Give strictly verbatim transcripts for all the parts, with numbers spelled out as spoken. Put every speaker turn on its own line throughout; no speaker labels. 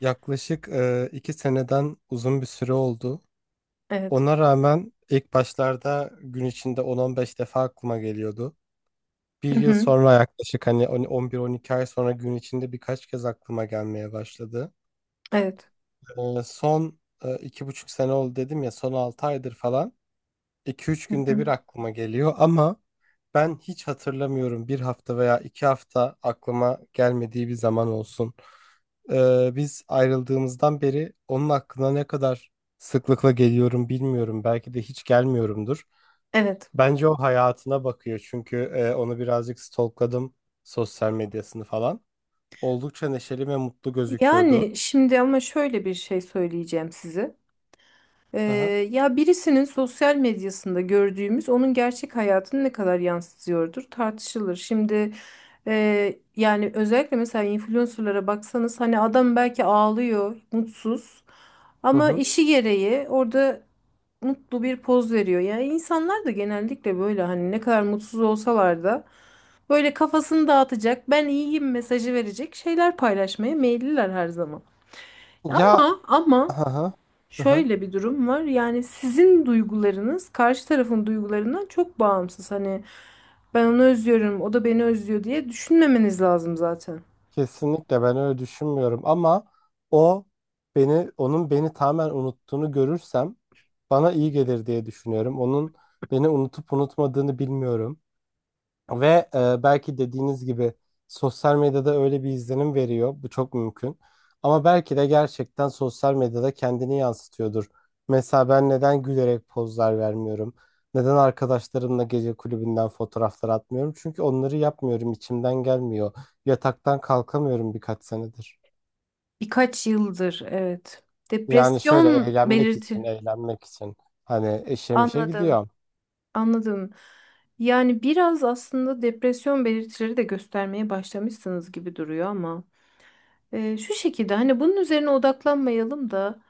Yaklaşık e, iki seneden uzun bir süre oldu.
Evet.
Ona rağmen ilk başlarda gün içinde on on beş defa aklıma geliyordu. Bir
Hı
yıl
hı.
sonra yaklaşık hani on- 11-12 ay sonra gün içinde birkaç kez aklıma gelmeye başladı.
Evet.
E, son e, iki buçuk sene oldu dedim ya son altı aydır falan. iki üç
Hı
günde
hı.
bir aklıma geliyor ama ben hiç hatırlamıyorum bir hafta veya iki hafta aklıma gelmediği bir zaman olsun. Ee, biz ayrıldığımızdan beri onun aklına ne kadar sıklıkla geliyorum bilmiyorum. Belki de hiç gelmiyorumdur.
Evet.
Bence o hayatına bakıyor çünkü e, onu birazcık stalkladım sosyal medyasını falan. Oldukça neşeli ve mutlu gözüküyordu.
Yani şimdi ama şöyle bir şey söyleyeceğim size. Ee,
Hı hı.
ya birisinin sosyal medyasında gördüğümüz onun gerçek hayatını ne kadar yansıtıyordur tartışılır. Şimdi e, yani özellikle mesela influencerlara baksanız hani adam belki ağlıyor, mutsuz
Hı
ama
hı.
işi gereği orada mutlu bir poz veriyor. Yani insanlar da genellikle böyle hani ne kadar mutsuz olsalar da böyle kafasını dağıtacak, ben iyiyim mesajı verecek şeyler paylaşmaya meyilliler her zaman.
Ya,
Ama ama
hı hı. Hı hı.
şöyle bir durum var. Yani sizin duygularınız karşı tarafın duygularından çok bağımsız. Hani ben onu özlüyorum, o da beni özlüyor diye düşünmemeniz lazım zaten.
Kesinlikle ben öyle düşünmüyorum ama o beni onun beni tamamen unuttuğunu görürsem bana iyi gelir diye düşünüyorum. Onun beni unutup unutmadığını bilmiyorum. Ve e, belki dediğiniz gibi sosyal medyada öyle bir izlenim veriyor. Bu çok mümkün. Ama belki de gerçekten sosyal medyada kendini yansıtıyordur. Mesela ben neden gülerek pozlar vermiyorum? Neden arkadaşlarımla gece kulübünden fotoğraflar atmıyorum? Çünkü onları yapmıyorum, içimden gelmiyor. Yataktan kalkamıyorum birkaç senedir.
Birkaç yıldır, evet.
Yani şöyle
Depresyon
eğlenmek için,
belirti.
eğlenmek için. Hani eşemişe mişe
Anladım.
gidiyor.
Anladım. Yani biraz aslında depresyon belirtileri de göstermeye başlamışsınız gibi duruyor ama e, şu şekilde hani bunun üzerine odaklanmayalım da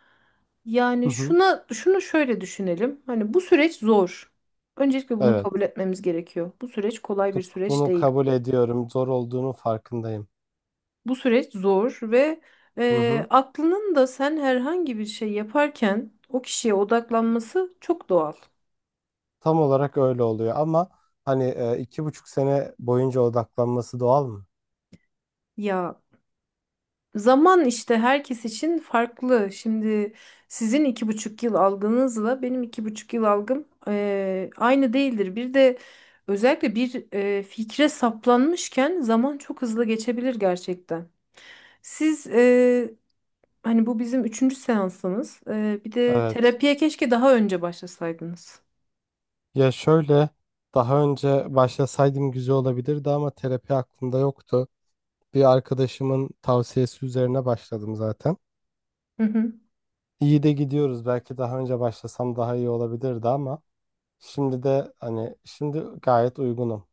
Hı
yani
hı.
şuna şunu şöyle düşünelim. Hani bu süreç zor. Öncelikle bunu kabul
Evet.
etmemiz gerekiyor. Bu süreç kolay bir süreç
Bunu
değil.
kabul ediyorum. Zor olduğunun farkındayım.
Bu süreç zor ve
Hı
e,
hı.
aklının da sen herhangi bir şey yaparken o kişiye odaklanması çok doğal.
Tam olarak öyle oluyor ama hani e, iki buçuk sene boyunca odaklanması doğal mı?
Ya, zaman işte herkes için farklı. Şimdi sizin iki buçuk yıl algınızla benim iki buçuk yıl algım eee, aynı değildir. Bir de özellikle bir eee, fikre saplanmışken zaman çok hızlı geçebilir gerçekten. Siz eee, Hani bu bizim üçüncü seansımız. Eee, bir de
Evet.
terapiye keşke daha önce başlasaydınız.
Ya şöyle daha önce başlasaydım güzel olabilirdi ama terapi aklımda yoktu. Bir arkadaşımın tavsiyesi üzerine başladım zaten.
Hı hı.
İyi de gidiyoruz. Belki daha önce başlasam daha iyi olabilirdi ama şimdi de hani şimdi gayet uygunum.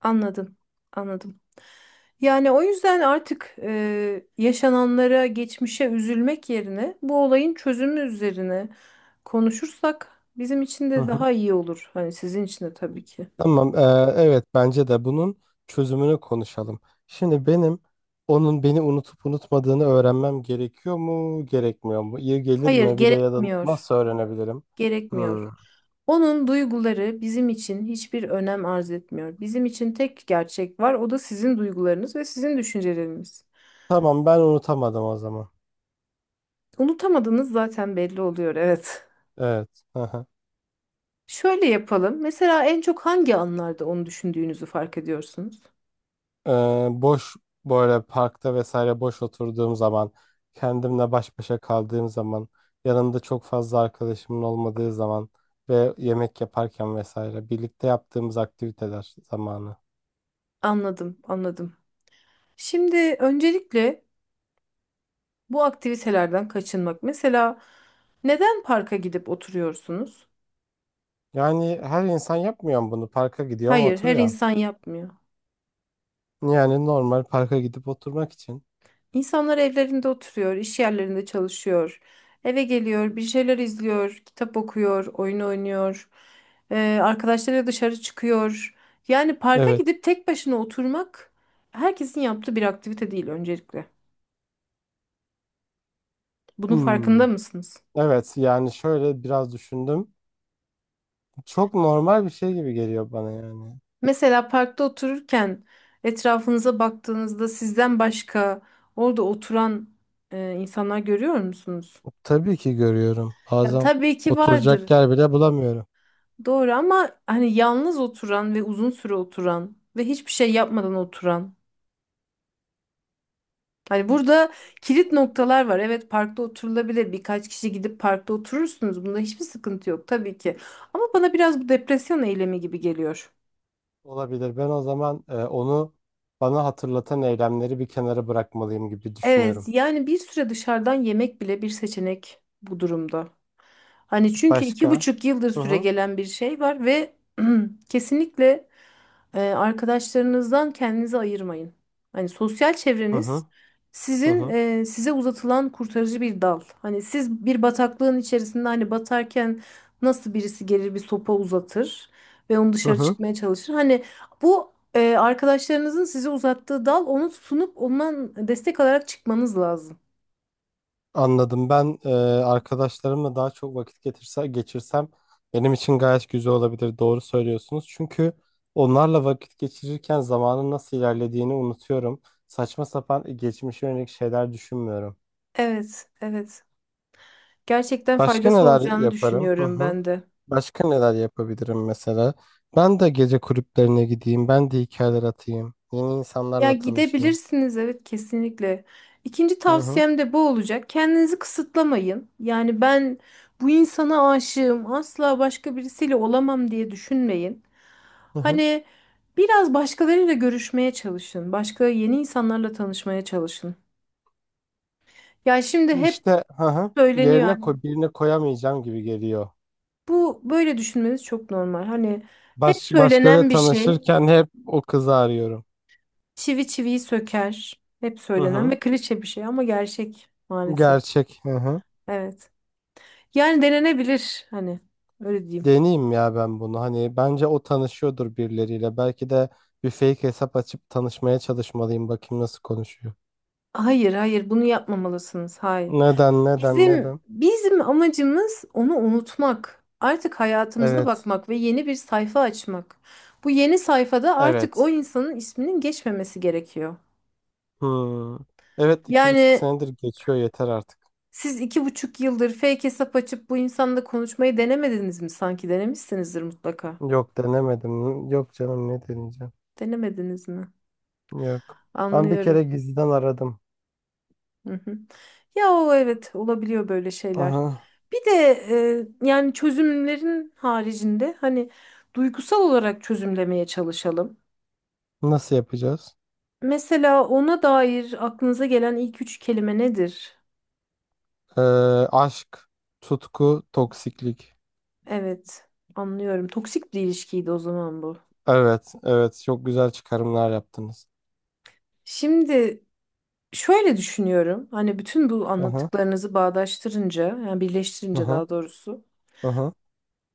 Anladım, anladım. Yani o yüzden artık e, yaşananlara, geçmişe üzülmek yerine bu olayın çözümü üzerine konuşursak bizim için
Hı
de
hı.
daha iyi olur. Hani sizin için de tabii ki.
Tamam, eee, evet bence de bunun çözümünü konuşalım. Şimdi benim onun beni unutup unutmadığını öğrenmem gerekiyor mu, gerekmiyor mu? İyi gelir
Hayır,
mi? Bir de ya da
gerekmiyor.
nasıl öğrenebilirim?
Gerekmiyor.
Hmm.
Onun duyguları bizim için hiçbir önem arz etmiyor. Bizim için tek gerçek var, o da sizin duygularınız ve sizin düşünceleriniz.
Tamam, ben unutamadım o zaman.
Unutamadığınız zaten belli oluyor, evet.
Evet. Hı hı.
Şöyle yapalım. Mesela en çok hangi anlarda onu düşündüğünüzü fark ediyorsunuz?
Eee, boş böyle parkta vesaire boş oturduğum zaman, kendimle baş başa kaldığım zaman, yanımda çok fazla arkadaşımın olmadığı zaman ve yemek yaparken vesaire birlikte yaptığımız aktiviteler zamanı.
Anladım, anladım. Şimdi öncelikle bu aktivitelerden kaçınmak. Mesela neden parka gidip oturuyorsunuz?
Yani her insan yapmıyor mu bunu? Parka gidiyor ama
Hayır, her
oturuyor.
insan yapmıyor.
Yani normal parka gidip oturmak için.
İnsanlar evlerinde oturuyor, iş yerlerinde çalışıyor. Eve geliyor, bir şeyler izliyor, kitap okuyor, oyun oynuyor. Ee, arkadaşlarıyla dışarı çıkıyor. Yani parka
Evet.
gidip tek başına oturmak herkesin yaptığı bir aktivite değil öncelikle. Bunun
Hmm.
farkında mısınız?
Evet yani şöyle biraz düşündüm. Çok normal bir şey gibi geliyor bana yani.
Mesela parkta otururken etrafınıza baktığınızda sizden başka orada oturan e, insanlar görüyor musunuz?
Tabii ki görüyorum.
Ya
Bazen
tabii ki
oturacak
vardır.
yer bile bulamıyorum.
Doğru, ama hani yalnız oturan ve uzun süre oturan ve hiçbir şey yapmadan oturan. Hani burada kilit noktalar var. Evet, parkta oturulabilir. Birkaç kişi gidip parkta oturursunuz. Bunda hiçbir sıkıntı yok tabii ki. Ama bana biraz bu depresyon eylemi gibi geliyor.
Olabilir. Ben o zaman e, onu bana hatırlatan eylemleri bir kenara bırakmalıyım gibi
Evet,
düşünüyorum.
yani bir süre dışarıdan yemek bile bir seçenek bu durumda. Hani çünkü iki
Başka?
buçuk yıldır
Hı
süre
hı.
gelen bir şey var ve kesinlikle e, arkadaşlarınızdan kendinizi ayırmayın. Hani sosyal
Hı hı.
çevreniz
Hı
sizin
hı.
e, size uzatılan kurtarıcı bir dal. Hani siz bir bataklığın içerisinde hani batarken nasıl birisi gelir bir sopa uzatır ve onu
Hı
dışarı
hı.
çıkmaya çalışır. Hani bu ee, arkadaşlarınızın size uzattığı dal onu sunup ondan destek alarak çıkmanız lazım.
Anladım. Ben e, arkadaşlarımla daha çok vakit getirse, geçirsem benim için gayet güzel olabilir. Doğru söylüyorsunuz. Çünkü onlarla vakit geçirirken zamanın nasıl ilerlediğini unutuyorum. Saçma sapan e, geçmişe yönelik şeyler düşünmüyorum.
Evet, evet. Gerçekten
Başka
faydası
neler
olacağını
yaparım? Hı
düşünüyorum
hı.
ben de.
Başka neler yapabilirim mesela? Ben de gece kulüplerine gideyim. Ben de hikayeler atayım. Yeni
Ya
insanlarla tanışayım.
gidebilirsiniz, evet, kesinlikle. İkinci
Hı hı.
tavsiyem de bu olacak. Kendinizi kısıtlamayın. Yani ben bu insana aşığım, asla başka birisiyle olamam diye düşünmeyin.
Hı hı.
Hani biraz başkalarıyla görüşmeye çalışın. Başka yeni insanlarla tanışmaya çalışın. Ya şimdi hep
İşte, hı hı.
söyleniyor
Yerine
hani.
koy, birine koyamayacağım gibi geliyor.
Bu böyle düşünmeniz çok normal. Hani hep
Baş, başkaları
söylenen bir şey,
tanışırken hep o kızı arıyorum.
çivi çiviyi söker. Hep
Hı
söylenen
hı.
ve klişe bir şey ama gerçek maalesef.
Gerçek. Hı hı.
Evet. Yani denenebilir, hani öyle diyeyim.
Deneyeyim ya ben bunu. Hani bence o tanışıyordur birileriyle. Belki de bir fake hesap açıp tanışmaya çalışmalıyım. Bakayım nasıl konuşuyor.
Hayır, hayır bunu yapmamalısınız. Hayır.
Neden, neden,
Bizim
neden?
bizim amacımız onu unutmak. Artık hayatımıza
Evet.
bakmak ve yeni bir sayfa açmak. Bu yeni sayfada artık o
Evet.
insanın isminin geçmemesi gerekiyor.
Hmm. Evet iki buçuk
Yani
senedir geçiyor yeter artık.
siz iki buçuk yıldır fake hesap açıp bu insanla konuşmayı denemediniz mi sanki? Denemişsinizdir mutlaka.
Yok denemedim. Yok canım ne deneyeceğim.
Denemediniz mi?
Yok. Ben bir kere
Anlıyorum.
gizliden aradım.
Hı hı. Ya o, evet, olabiliyor böyle şeyler.
Aha.
Bir de e, yani çözümlerin haricinde hani duygusal olarak çözümlemeye çalışalım.
Nasıl yapacağız?
Mesela ona dair aklınıza gelen ilk üç kelime nedir?
Ee, aşk, tutku, toksiklik.
Evet, anlıyorum. Toksik bir ilişkiydi o zaman bu.
Evet, evet. Çok güzel çıkarımlar yaptınız.
Şimdi şöyle düşünüyorum. Hani bütün bu
Aha,
anlattıklarınızı bağdaştırınca, yani birleştirince
aha,
daha doğrusu.
aha.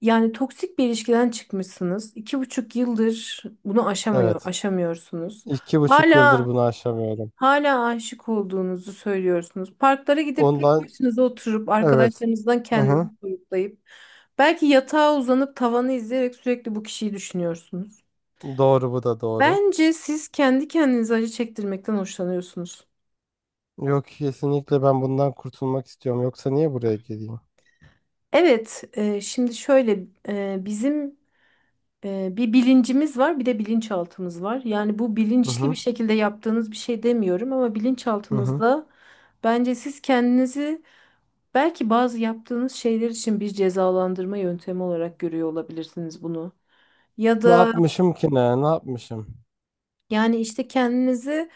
Yani toksik bir ilişkiden çıkmışsınız. İki buçuk yıldır bunu aşamıyor,
Evet.
aşamıyorsunuz.
İki buçuk yıldır
Hala
bunu aşamıyorum.
hala aşık olduğunuzu söylüyorsunuz. Parklara gidip tek
Ondan,
başınıza oturup
evet.
arkadaşlarınızdan
Aha.
kendinizi soyutlayıp belki yatağa uzanıp tavanı izleyerek sürekli bu kişiyi düşünüyorsunuz.
Doğru, bu da doğru.
Bence siz kendi kendinize acı çektirmekten hoşlanıyorsunuz.
Yok, kesinlikle ben bundan kurtulmak istiyorum. Yoksa niye buraya geleyim?
Evet, e, şimdi şöyle, e, bizim e, bir bilincimiz var, bir de bilinçaltımız var. Yani bu
Hı
bilinçli bir
hı,
şekilde yaptığınız bir şey demiyorum ama
hı hı.
bilinçaltınızda bence siz kendinizi belki bazı yaptığınız şeyler için bir cezalandırma yöntemi olarak görüyor olabilirsiniz bunu. Ya
Ne
da
yapmışım ki ne? Ne yapmışım?
yani işte kendinizi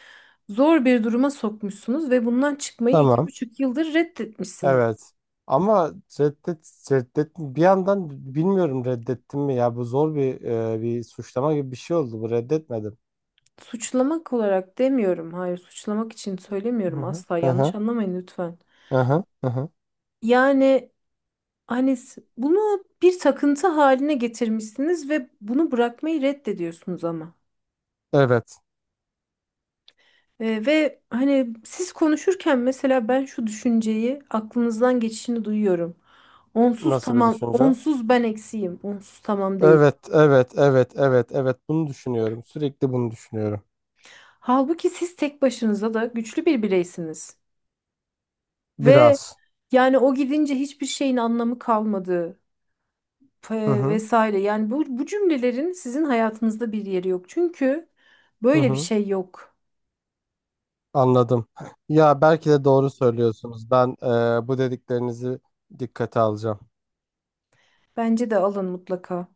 zor bir duruma sokmuşsunuz ve bundan çıkmayı iki
Tamam.
buçuk yıldır reddetmişsiniz.
Evet. Ama reddet, reddet bir yandan bilmiyorum reddettim mi ya, bu zor bir e, bir suçlama gibi bir şey oldu, bu reddetmedim.
Suçlamak olarak demiyorum, hayır suçlamak için
Hı
söylemiyorum
hı.
asla,
Hı hı.
yanlış anlamayın lütfen.
Hı hı. Hı hı.
Yani hani s- bunu bir takıntı haline getirmişsiniz ve bunu bırakmayı reddediyorsunuz ama.
Evet.
Ee, ve hani siz konuşurken mesela ben şu düşünceyi aklınızdan geçişini duyuyorum. Onsuz
Nasıl bir
tamam,
düşünce?
onsuz ben eksiğim, onsuz tamam değil.
Evet, evet, evet, evet, evet. Bunu düşünüyorum. Sürekli bunu düşünüyorum.
Halbuki siz tek başınıza da güçlü bir bireysiniz. Ve
Biraz.
yani o gidince hiçbir şeyin anlamı kalmadı,
Hı
e,
hı.
vesaire. Yani bu, bu cümlelerin sizin hayatınızda bir yeri yok. Çünkü
Hı
böyle bir
hı.
şey yok.
Anladım. Ya belki de doğru söylüyorsunuz. Ben eee, bu dediklerinizi dikkate alacağım.
Bence de alın mutlaka.